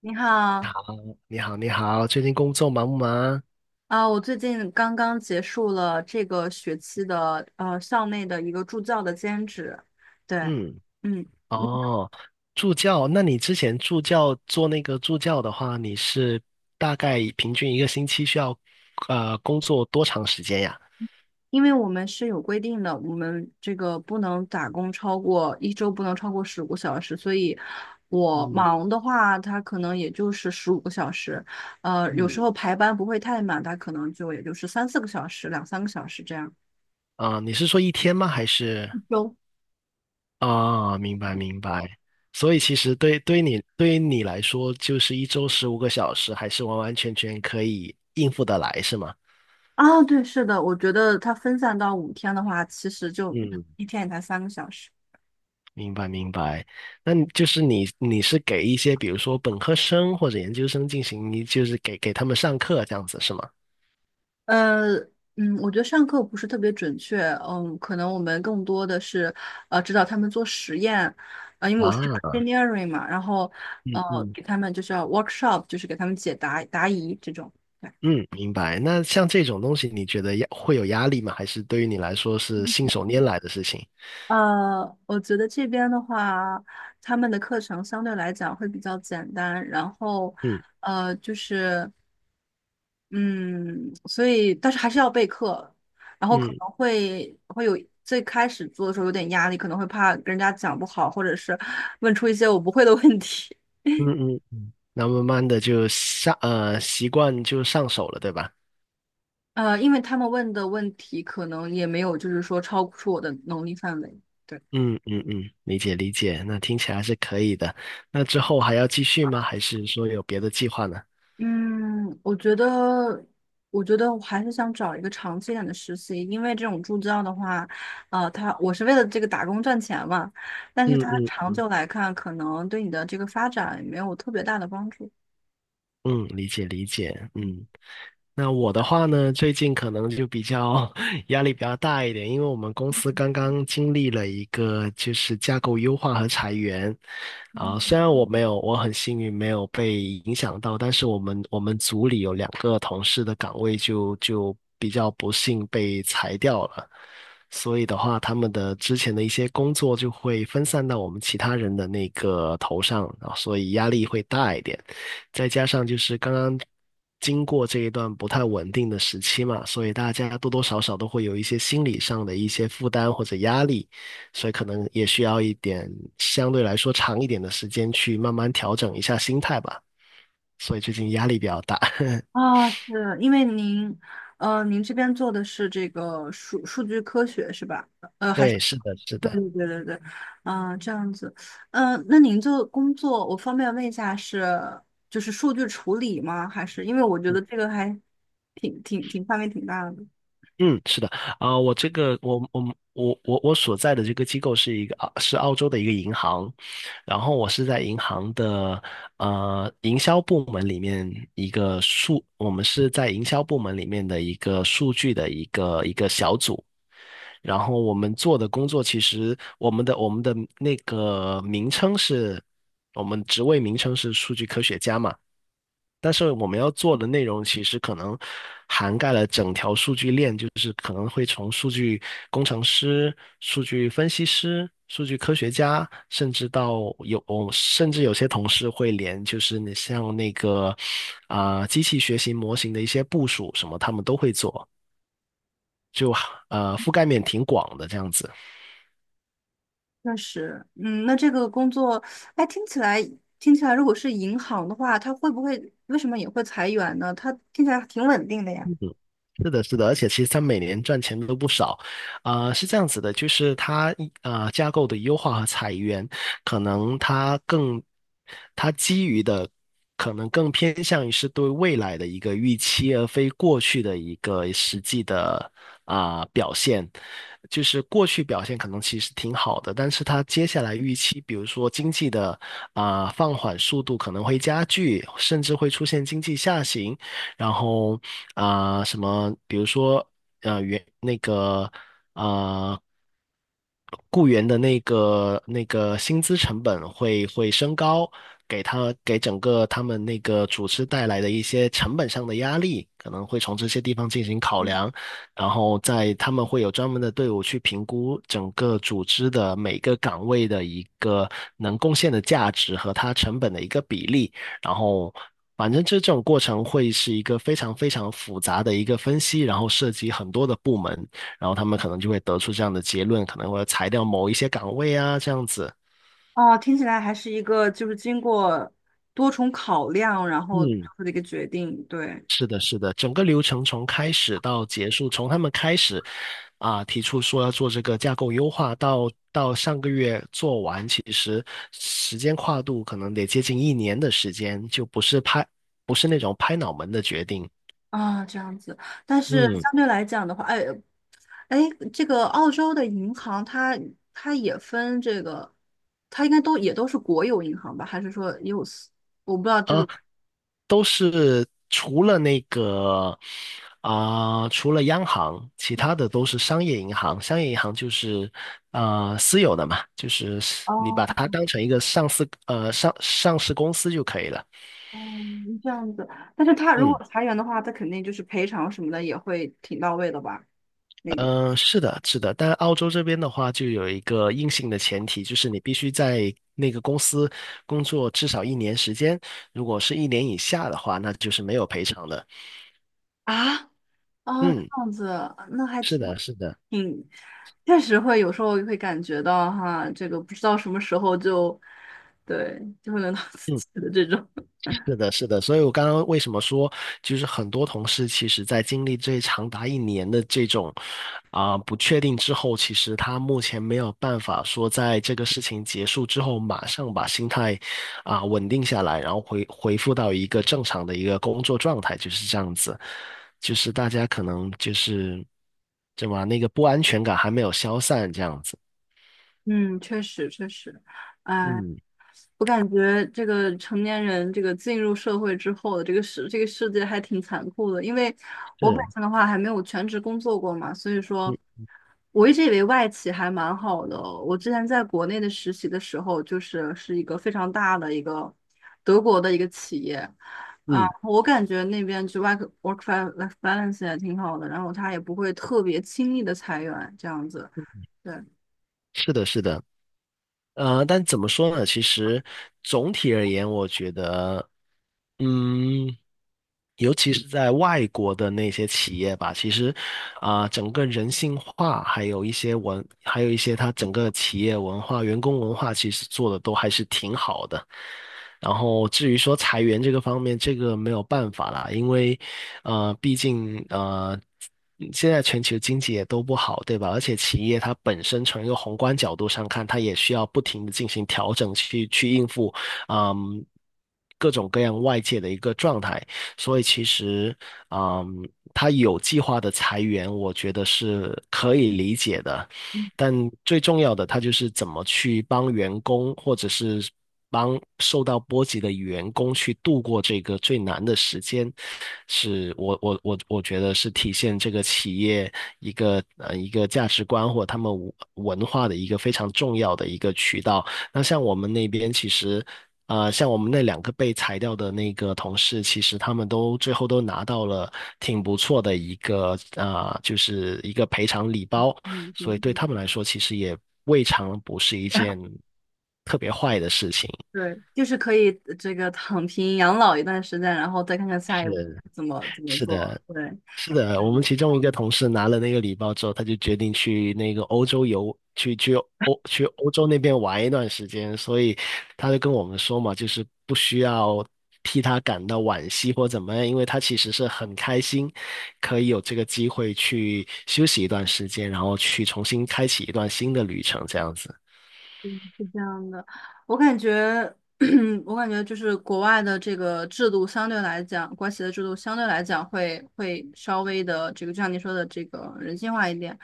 你好，你好，你好，最近工作忙不忙？我最近刚刚结束了这个学期的校内的一个助教的兼职，对，嗯，嗯，哦，助教，那你之前助教做那个助教的话，你是大概平均一个星期需要工作多长时间呀？因为我们是有规定的，我们这个不能打工超过一周不能超过十五个小时，所以我嗯忙的话，它可能也就是十五个小时，有嗯，时候排班不会太满，它可能就也就是三四个小时、两三个小时这样。啊，你是说一天吗？还是？一周。啊，明白明白。所以其实对对你对于你来说，就是一周15个小时，还是完完全全可以应付得来，是吗？啊，对，是的，我觉得它分散到5天的话，其实就嗯，一天也才三个小时。明白明白。那你就是你是给一些比如说本科生或者研究生进行一，你就是给他们上课这样子是吗？呃，我觉得上课不是特别准确，可能我们更多的是，指导他们做实验，因为我是 啊，engineering 嘛，然后，呃，嗯嗯给他们就是要 workshop，就是给他们解答答疑这种。嗯，明白。那像这种东西，你觉得会有压力吗？还是对于你来说是信手拈来的事情？我觉得这边的话，他们的课程相对来讲会比较简单，然后，嗯就是。嗯，所以但是还是要备课，然后可嗯能会有最开始做的时候有点压力，可能会怕跟人家讲不好，或者是 问出一些我不会的问题。嗯嗯，那慢慢的就习惯就上手了，对吧？因为他们问的问题可能也没有，就是说超出我的能力范围。对，嗯嗯嗯，理解理解。那听起来是可以的。那之后还要继续吗？还是说有别的计划呢？嗯，我觉得，我觉得我还是想找一个长期一点的实习，因为这种助教的话，我是为了这个打工赚钱嘛，但是嗯他嗯嗯长久来看，可能对你的这个发展没有特别大的帮助。嗯，理解理解。嗯，那我的话呢，最近可能就比较 压力比较大一点，因为我们公司刚刚经历了一个就是架构优化和裁员。啊，虽嗯然我没有，我很幸运没有被影响到，但是我们组里有两个同事的岗位就比较不幸被裁掉了。所以的话，他们的之前的一些工作就会分散到我们其他人的那个头上，啊，所以压力会大一点。再加上就是刚刚经过这一段不太稳定的时期嘛，所以大家多多少少都会有一些心理上的一些负担或者压力，所以可能也需要一点相对来说长一点的时间去慢慢调整一下心态吧。所以最近压力比较大。是因为您，您这边做的是这个数据科学是吧？呃，还是对，是的，是对的。对对对对，啊，这样子，那您做工作，我方便问一下是就是数据处理吗？还是因为我觉得这个还挺范围挺大的，嗯，是的，我这个我所在的这个机构是一个是澳洲的一个银行，然后我是在银行的营销部门里面一个数，我们是在营销部门里面的一个数据的一个小组，然后我们做的工作其实我们的那个名称是。我们职位名称是数据科学家嘛，但是我们要做的内容其实可能涵盖了整条数据链，就是可能会从数据工程师、数据分析师、数据科学家，甚至有些同事会连就是你像那个机器学习模型的一些部署什么，他们都会做，覆盖面挺广的这样子。确实，那这个工作，哎，听起来，如果是银行的话，它会不会为什么也会裁员呢？它听起来挺稳定的呀。是的，是的，而且其实它每年赚钱都不少，是这样子的，就是它架构的优化和裁员，可能它基于的可能更偏向于是对未来的一个预期，而非过去的一个实际的表现。就是过去表现可能其实挺好的，但是它接下来预期，比如说经济的放缓速度可能会加剧，甚至会出现经济下行。然后什么，比如说那个啊、雇员的那个薪资成本会升高，给他给整个他们那个组织带来的一些成本上的压力，可能会从这些地方进行考量，然后在他们会有专门的队伍去评估整个组织的每个岗位的一个能贡献的价值和它成本的一个比例。然后反正这种过程会是一个非常非常复杂的一个分析，然后涉及很多的部门，然后他们可能就会得出这样的结论，可能会裁掉某一些岗位啊，这样子。哦，听起来还是一个就是经过多重考量，然后做嗯，出的一个决定，对是的，是的，整个流程从开始到结束，从他们开始提出说要做这个架构优化，到上个月做完，其实时间跨度可能得接近一年的时间，就不是拍，不是那种拍脑门的决定。啊，这样子。但是嗯。相对来讲的话，哎，这个澳洲的银行它也分这个，它应该都也都是国有银行吧？还是说 use？我不知道这啊。个。都是除了那个除了央行，其他的都是商业银行。商业银行就是私有的嘛，就是你哦把它当成一个上市公司就可以了。哦，这样子。但是它如嗯。果裁员的话，它肯定就是赔偿什么的也会挺到位的吧？那个嗯，是的，是的，但澳洲这边的话，就有一个硬性的前提，就是你必须在那个公司工作至少一年时间，如果是一年以下的话，那就是没有赔偿的。啊哦，这嗯，样子，那还是挺的，是的。挺。确实会有时候会感觉到哈，这个不知道什么时候就，对，就会轮到自嗯。己的这种。是的，是的，所以我刚刚为什么说，就是很多同事其实在经历这长达一年的这种不确定之后，其实他目前没有办法说在这个事情结束之后，马上把心态稳定下来，然后回复到一个正常的一个工作状态，就是这样子，就是大家可能就是怎么那个不安全感还没有消散这样子。嗯，确实确实，哎，嗯，我感觉这个成年人这个进入社会之后的这个世界还挺残酷的，因为我本是，身的话还没有全职工作过嘛，所以嗯说我一直以为外企还蛮好的。我之前在国内的实习的时候，就是一个非常大的一个德国的一个企业啊，嗯，我感觉那边就 work life balance 也挺好的，然后他也不会特别轻易的裁员这样子。对，是的，是的。但怎么说呢？其实总体而言，我觉得，嗯，尤其是在外国的那些企业吧，其实，整个人性化，还有一些还有一些它整个企业文化、员工文化，其实做的都还是挺好的。然后至于说裁员这个方面，这个没有办法啦，因为，毕竟现在全球经济也都不好，对吧？而且企业它本身从一个宏观角度上看，它也需要不停的进行调整去，去应付，嗯，各种各样外界的一个状态，所以其实，嗯，他有计划的裁员，我觉得是可以理解的。但最重要的，他就是怎么去帮员工，或者是帮受到波及的员工去度过这个最难的时间，是我觉得是体现这个企业一个一个价值观或他们文化的一个非常重要的一个渠道。那像我们那边其实，像我们那两个被裁掉的那个同事，其实他们都最后都拿到了挺不错的一个就是一个赔偿礼包，所以嗯，对他们来说，其实也未尝不是一件特别坏的事情。对，就是可以这个躺平养老一段时间，然后再看看下一是，步怎么是做。的，对，是的，我们其中一个同事拿了那个礼包之后，他就决定去那个欧洲游，去去欧洲那边玩一段时间，所以他就跟我们说嘛，就是不需要替他感到惋惜或怎么样，因为他其实是很开心，可以有这个机会去休息一段时间，然后去重新开启一段新的旅程，这样子。是这样的，我感觉，我感觉就是国外的这个制度相对来讲，国企的制度相对来讲会稍微的这个，就像你说的这个人性化一点。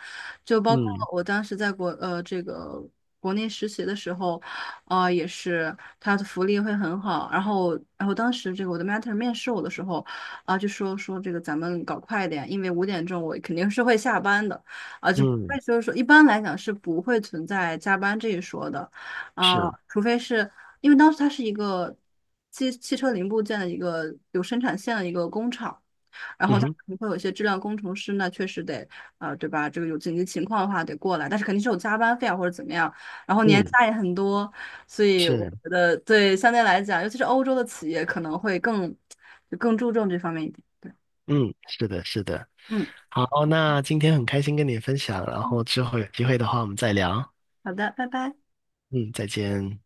就包括嗯我当时在国呃这个国内实习的时候，啊也是他的福利会很好。然后当时这个我的 manter 面试我的时候，就说说这个咱们搞快一点，因为5点钟我肯定是会下班的，就不会嗯，就是说一般来讲是不会存在加班这一说的。啊，是，除非是因为当时它是一个汽车零部件的一个有生产线的一个工厂，然嗯后它可哼，能会有一些质量工程师，那确实得对吧？这个有紧急情况的话得过来，但是肯定是有加班费啊或者怎么样，然后年嗯，假也很多，所以我是。觉得对相对来讲，尤其是欧洲的企业可能会更注重这方面一点。对，嗯，是的，是的。嗯，好，那今天很开心跟你分享，然嗯后之后有机会的话我们再聊。好的，拜拜。嗯，再见。